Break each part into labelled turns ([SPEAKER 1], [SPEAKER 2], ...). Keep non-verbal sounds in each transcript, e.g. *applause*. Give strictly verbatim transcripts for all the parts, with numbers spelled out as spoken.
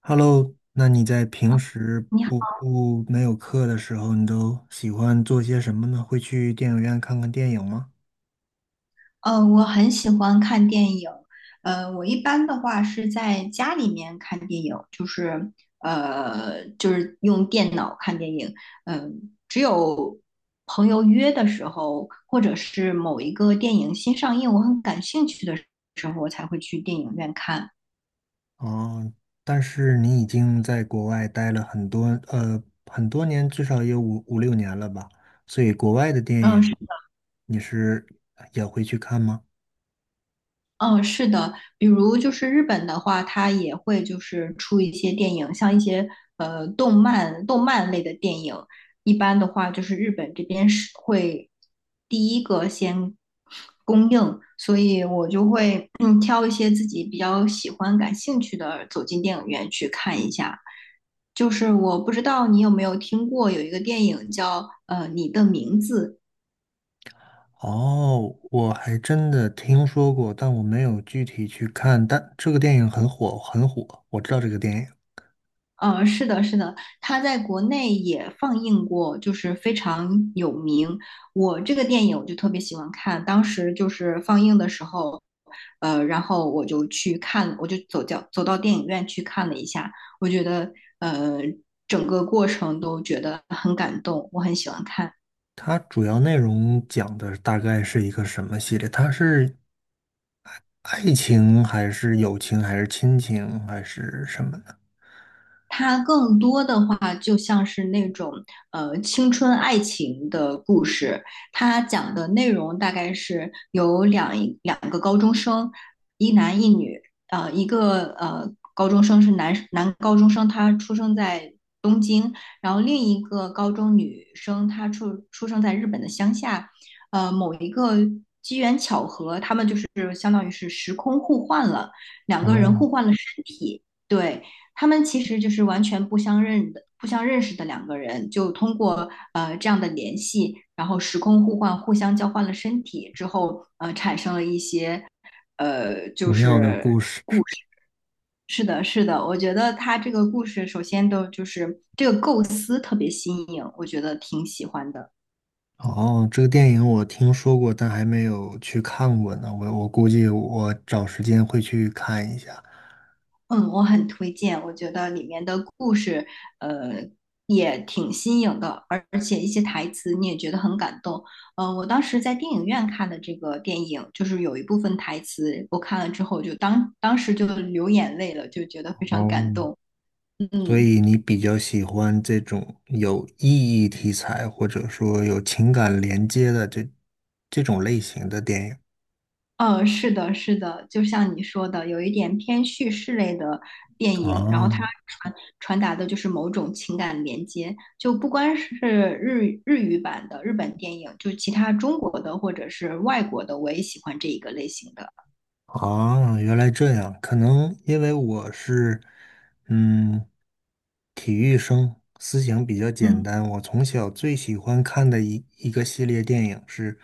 [SPEAKER 1] Hello，那你在平时
[SPEAKER 2] 你好，
[SPEAKER 1] 不不没有课的时候，你都喜欢做些什么呢？会去电影院看看电影吗？
[SPEAKER 2] 呃，我很喜欢看电影。呃，我一般的话是在家里面看电影，就是呃，就是用电脑看电影。嗯、只有朋友约的时候，或者是某一个电影新上映，我很感兴趣的时候，我才会去电影院看。
[SPEAKER 1] 哦，但是你已经在国外待了很多呃很多年，至少也有五五六年了吧？所以国外的电
[SPEAKER 2] 嗯。
[SPEAKER 1] 影
[SPEAKER 2] 是。
[SPEAKER 1] 你是也会去看吗？
[SPEAKER 2] 嗯，是的。比如就是日本的话，它也会就是出一些电影，像一些呃动漫、动漫类的电影。一般的话，就是日本这边是会第一个先供应，所以你挑一些自己比较喜欢、感兴趣的，走进电影院去看一下。就是我不知道你有没有听过有一个电影叫呃《你的名字》。
[SPEAKER 1] 哦，我还真的听说过，但我没有具体去看。但这个电影很火，很火，我知道这个电影。
[SPEAKER 2] 呃，是的，是的，它在国内也放映过，就是非常有名。我这个电影我就特别喜欢看，当时就是放映的时候，呃，然后我就去看，我就走掉，走到电影院去看了一下。我觉得呃，整个过程都觉得很感动，我很喜欢看。
[SPEAKER 1] 它主要内容讲的大概是一个什么系列？它是爱情还是友情还是亲情还是什么的？
[SPEAKER 2] 它更多的话就像是那种呃青春爱情的故事。它讲的内容大概是有两两个高中生，一男一女。呃，一个呃高中生是男男高中生，他出生在东京。然后另一个高中女生她出出生在日本的乡下。呃，某一个他们就是相当于是时空互换了，两个人
[SPEAKER 1] 哦，
[SPEAKER 2] 互换了身体。对，他们其实就是完全不相认的、不相认识的两个人，就通过呃这样的联系，然后时空互换，互相交换了身体之后，呃，产生了一些。呃，
[SPEAKER 1] 奇
[SPEAKER 2] 就
[SPEAKER 1] 妙的
[SPEAKER 2] 是。
[SPEAKER 1] 故事。
[SPEAKER 2] 是的，是的，我觉得他这个故事首先都就是这个构思特别新颖，我觉得挺喜欢的。
[SPEAKER 1] 哦，这个电影我听说过，但还没有去看过呢。我我估计我找时间会去看一下。
[SPEAKER 2] 嗯，我很推荐。我觉得里面的故事，呃，也挺新颖的，而而且一些台词你也觉得很感动。呃，我当时在电影院看的这个电影，就是有一部分台词，我看了之后就当当时就流眼泪了，就觉得非常
[SPEAKER 1] 哦，
[SPEAKER 2] 感动。
[SPEAKER 1] 所
[SPEAKER 2] 嗯。
[SPEAKER 1] 以你比较喜欢这种有意义题材，或者说有情感连接的这这种类型的电影。
[SPEAKER 2] 嗯，呃是的，是的，就像你说的，有一点偏叙事类的电影，然后它
[SPEAKER 1] 哦，
[SPEAKER 2] 传传达的就是某种情感连接，就不光是日日语版的日本电影，就其他中国的或者是外国的，我也喜欢这一个类型的。
[SPEAKER 1] 啊，原来这样，可能因为我是，嗯，体育生，思想比较简
[SPEAKER 2] 嗯。
[SPEAKER 1] 单。我从小最喜欢看的一一个系列电影是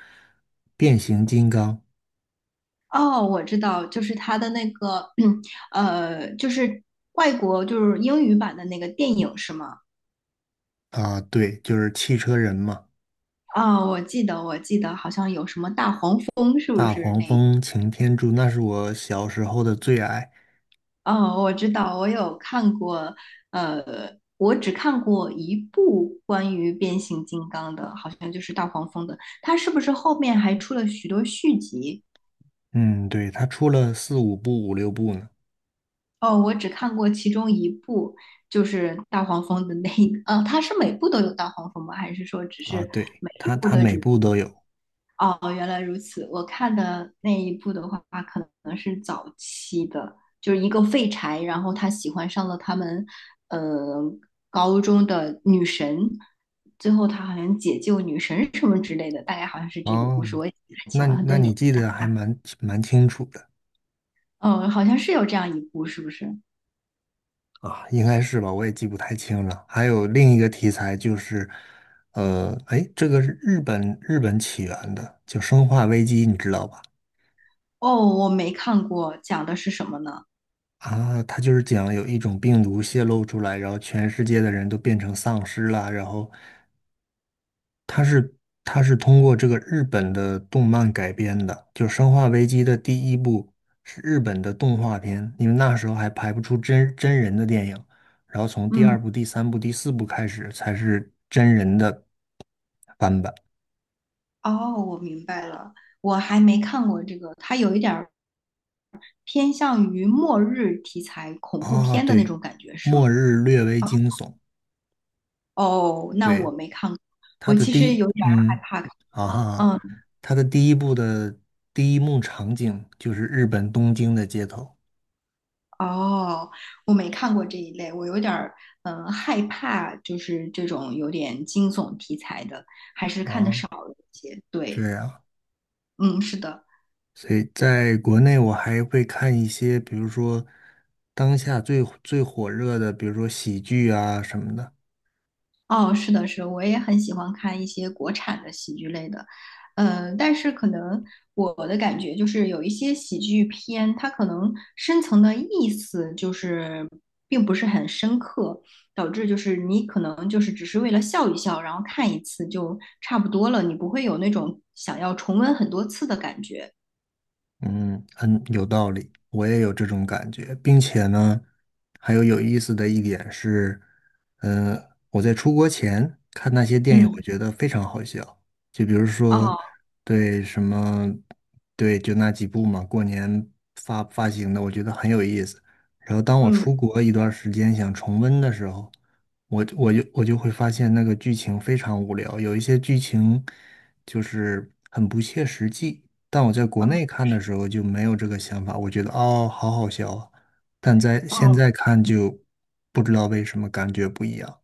[SPEAKER 1] 《变形金刚》。
[SPEAKER 2] 哦，我知道，就是它的那个，*clears throat* 呃，就是外国就是英语版的那个电影是吗？
[SPEAKER 1] 啊，对，就是汽车人嘛，
[SPEAKER 2] 哦，我记得，我记得好像有什么大黄蜂，是不
[SPEAKER 1] 大
[SPEAKER 2] 是
[SPEAKER 1] 黄
[SPEAKER 2] 那？
[SPEAKER 1] 蜂、擎天柱，那是我小时候的最爱。
[SPEAKER 2] 哦，我知道，我有看过。呃，我只看过一部关于变形金刚的，好像就是大黄蜂的。它是不是后面还出了许多续集？
[SPEAKER 1] 嗯，对，他出了四五部、五六部呢。
[SPEAKER 2] 哦，我只看过其中一部，就是大黄蜂的那一，呃，它是每部都有大黄蜂吗？还是说只
[SPEAKER 1] 啊，
[SPEAKER 2] 是
[SPEAKER 1] 对，
[SPEAKER 2] 每一
[SPEAKER 1] 他
[SPEAKER 2] 部
[SPEAKER 1] 他
[SPEAKER 2] 的
[SPEAKER 1] 每
[SPEAKER 2] 主？
[SPEAKER 1] 部都有。
[SPEAKER 2] 哦，原来如此。我看的那一部的话，可能是早期的，就是一个废柴，然后他喜欢上了他们，呃，高中的女神，最后他好像解救女神什么之类的，大概好像是这个故
[SPEAKER 1] 哦，
[SPEAKER 2] 事，我也记不太清
[SPEAKER 1] 那
[SPEAKER 2] 了，很
[SPEAKER 1] 那
[SPEAKER 2] 多年。
[SPEAKER 1] 你记得还蛮蛮清楚的。
[SPEAKER 2] 嗯，好像是有这样一部，是不是？
[SPEAKER 1] 啊，应该是吧，我也记不太清了。还有另一个题材就是，呃，哎，这个是日本日本起源的，就《生化危机》，你知道吧？
[SPEAKER 2] 哦，我没看过，讲的是什么呢？
[SPEAKER 1] 啊，它就是讲有一种病毒泄露出来，然后全世界的人都变成丧尸了，然后它是它是通过这个日本的动漫改编的，就《生化危机》的第一部是日本的动画片，因为那时候还拍不出真真人的电影，然后从第
[SPEAKER 2] 嗯。
[SPEAKER 1] 二部、第三部、第四部开始才是真人的翻版。
[SPEAKER 2] 哦，我明白了，我还没看过这个，它有一点儿偏向于末日题材恐怖
[SPEAKER 1] 啊，
[SPEAKER 2] 片的那
[SPEAKER 1] 对，
[SPEAKER 2] 种感觉，是吗？
[SPEAKER 1] 末日略微
[SPEAKER 2] 哦。
[SPEAKER 1] 惊悚，
[SPEAKER 2] 哦，那
[SPEAKER 1] 对，
[SPEAKER 2] 我没看过，
[SPEAKER 1] 它
[SPEAKER 2] 我
[SPEAKER 1] 的
[SPEAKER 2] 其
[SPEAKER 1] 第
[SPEAKER 2] 实
[SPEAKER 1] 一，
[SPEAKER 2] 有点儿害
[SPEAKER 1] 嗯，
[SPEAKER 2] 怕看
[SPEAKER 1] 啊
[SPEAKER 2] 这种。
[SPEAKER 1] 哈，
[SPEAKER 2] 嗯。
[SPEAKER 1] 它的第一部的第一幕场景就是日本东京的街头
[SPEAKER 2] 哦，我没看过这一类，我有点儿嗯、呃害怕，就是这种有点惊悚题材的，还是看的
[SPEAKER 1] 啊，
[SPEAKER 2] 少了一些。
[SPEAKER 1] 这
[SPEAKER 2] 对，
[SPEAKER 1] 样。
[SPEAKER 2] 嗯，是的。
[SPEAKER 1] 所以在国内，我还会看一些，比如说当下最最火热的，比如说喜剧啊什么的。
[SPEAKER 2] 哦，是的，是的，我也很喜欢看一些国产的喜剧类的。呃，但是可能我的感觉就是有一些喜剧片，它可能深层的意思就是并不是很深刻，导致就是你可能就是只是为了笑一笑，然后看一次就差不多了，你不会有那种想要重温很多次的感觉。
[SPEAKER 1] 嗯，很有道理，我也有这种感觉，并且呢，还有有意思的一点是，嗯、我在出国前看那些电影，我
[SPEAKER 2] 嗯。
[SPEAKER 1] 觉得非常好笑。就比如说，
[SPEAKER 2] 哦。
[SPEAKER 1] 对什么，对，就那几部嘛，过年发发行的，我觉得很有意思。然后当我
[SPEAKER 2] 嗯。
[SPEAKER 1] 出国一段时间想重温的时候，我我就我就会发现那个剧情非常无聊，有一些剧情就是很不切实际。但我在国内看的时候就没有这个想法，我觉得哦，好好笑啊。但在现
[SPEAKER 2] 哦。
[SPEAKER 1] 在看就不知道为什么感觉不一样。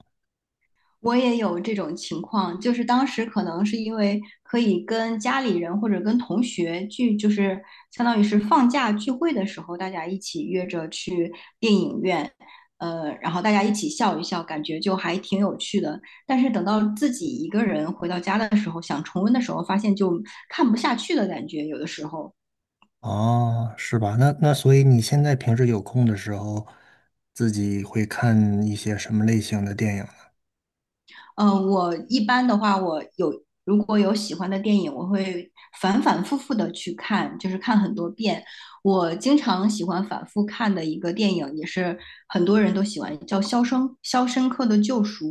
[SPEAKER 2] 我也有这种情况，就是当时可能是因为可以跟家里人或者跟同学聚，就是相当于是放假聚会的时候，大家一起约着去电影院。呃，然后大家一起笑一笑，感觉就还挺有趣的。但是等到自己一个人回到家的时候，想重温的时候，发现就看不下去的感觉，有的时候。
[SPEAKER 1] 哦，是吧？那那所以你现在平时有空的时候，自己会看一些什么类型的电影呢？
[SPEAKER 2] 嗯，我一般的话，我有如果有喜欢的电影，我会反反复复的去看，就是看很多遍。我经常喜欢反复看的一个电影，也是很多人都喜欢，叫《肖生肖申克的救赎》。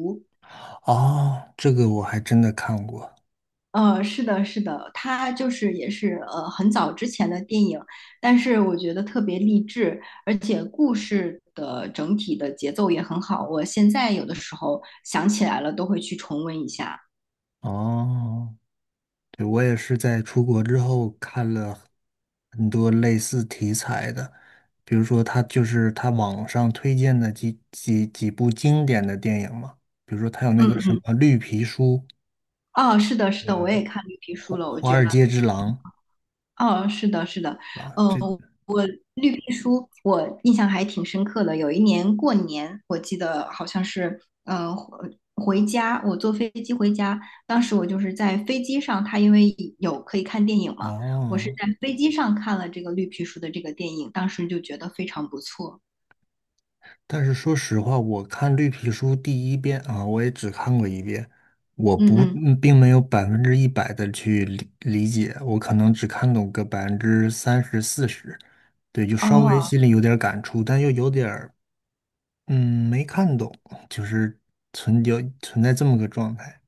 [SPEAKER 1] 哦，这个我还真的看过。
[SPEAKER 2] 呃，是的，是的，它就是也是呃很早之前的电影，但是我觉得特别励志，而且故事的整体的节奏也很好。我现在有的时候想起来了，都会去重温一下。
[SPEAKER 1] 哦，对，我也是在出国之后看了很多类似题材的，比如说他就是他网上推荐的几几几部经典的电影嘛，比如说他有那个什
[SPEAKER 2] 嗯。
[SPEAKER 1] 么《绿皮书》，
[SPEAKER 2] 哦，是的，是
[SPEAKER 1] 嗯，
[SPEAKER 2] 的，我也看绿皮书
[SPEAKER 1] 《华
[SPEAKER 2] 了。我
[SPEAKER 1] 华
[SPEAKER 2] 觉得，
[SPEAKER 1] 尔街之狼》。
[SPEAKER 2] 哦，是的，是的，
[SPEAKER 1] 啊，
[SPEAKER 2] 嗯，
[SPEAKER 1] 这
[SPEAKER 2] 我绿皮书我印象还挺深刻的。有一年过年，我记得好像是，呃，回回家，我坐飞机回家，当时我就是在飞机上，它因为有可以看电影嘛，我是
[SPEAKER 1] 哦，
[SPEAKER 2] 在飞机上看了这个绿皮书的这个电影，当时就觉得非常不错。
[SPEAKER 1] 但是说实话，我看《绿皮书》第一遍啊，我也只看过一遍，我
[SPEAKER 2] 嗯
[SPEAKER 1] 不，
[SPEAKER 2] 嗯。
[SPEAKER 1] 嗯并没有百分之一百的去理理解，我可能只看懂个百分之三十、四十，对，就稍微
[SPEAKER 2] 哦。
[SPEAKER 1] 心里有点感触，但又有点儿，嗯，没看懂，就是存有存在这么个状态。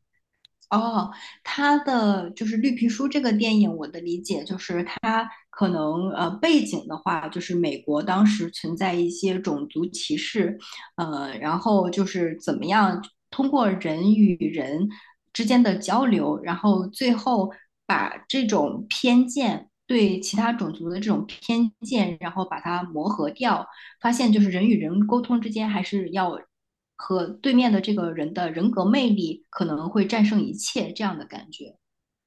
[SPEAKER 2] 哦，他的就是《绿皮书》这个电影，我的理解就是它可能呃背景的话，就是美国当时存在一些种族歧视。呃，然后就是怎么样通过人与人之间的交流，然后最后把这种偏见对其他种族的这种偏见，然后把它磨合掉，发现就是人与人沟通之间还是要和对面的这个人的人格魅力可能会战胜一切这样的感觉。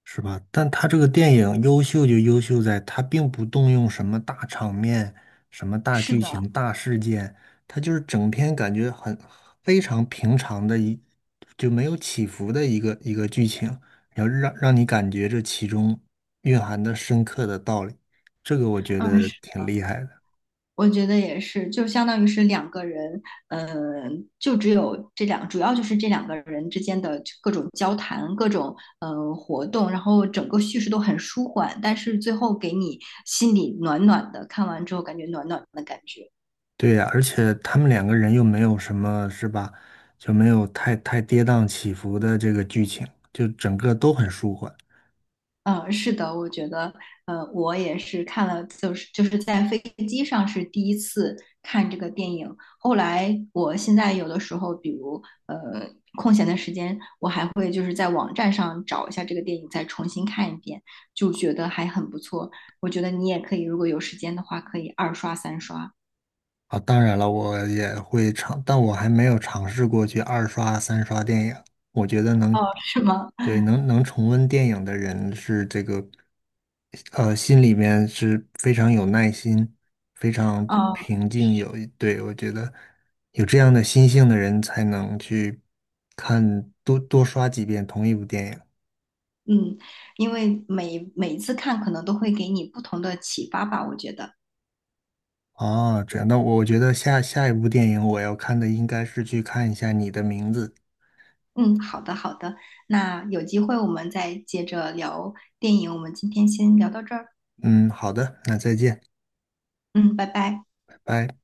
[SPEAKER 1] 是吧？但他这个电影优秀就优秀在，他并不动用什么大场面、什么大
[SPEAKER 2] 是
[SPEAKER 1] 剧
[SPEAKER 2] 的。
[SPEAKER 1] 情、大事件，他就是整篇感觉很非常平常的一，就没有起伏的一个一个剧情，然后让让你感觉这其中蕴含的深刻的道理，这个我觉
[SPEAKER 2] 嗯，
[SPEAKER 1] 得
[SPEAKER 2] 是
[SPEAKER 1] 挺厉害的。
[SPEAKER 2] 我觉得也是，就相当于是两个人。嗯，就只有这两，主要就是这两个人之间的各种交谈、各种嗯活动，然后整个叙事都很舒缓，但是最后给你心里暖暖的，看完之后感觉暖暖的感觉。
[SPEAKER 1] 对呀，而且他们两个人又没有什么，是吧？就没有太太跌宕起伏的这个剧情，就整个都很舒缓。
[SPEAKER 2] 嗯，是的，我觉得，呃，我也是看了，就是就是在飞机上是第一次看这个电影。后来，我现在有的时候，比如呃空闲的时间，我还会就是在网站上找一下这个电影，再重新看一遍，就觉得还很不错。我觉得你也可以，如果有时间的话，可以二刷三刷。
[SPEAKER 1] 啊，当然了，我也会尝，但我还没有尝试过去二刷、三刷电影。我觉得能，
[SPEAKER 2] 哦，是吗？
[SPEAKER 1] 对，能能重温电影的人是这个，呃，心里面是非常有耐心、非
[SPEAKER 2] *laughs*
[SPEAKER 1] 常
[SPEAKER 2] 哦。
[SPEAKER 1] 平静。有，对，我觉得有这样的心性的人才能去看多多刷几遍同一部电影。
[SPEAKER 2] 嗯，因为每每一次看可能都会给你不同的启发吧，我觉得。
[SPEAKER 1] 哦，这样，那我觉得下下一部电影我要看的应该是去看一下你的名字。
[SPEAKER 2] 嗯，好的好的，那有机会我们再接着聊电影，我们今天先聊到这儿。
[SPEAKER 1] 嗯，好的，那再见，
[SPEAKER 2] 嗯，拜拜。
[SPEAKER 1] 拜拜。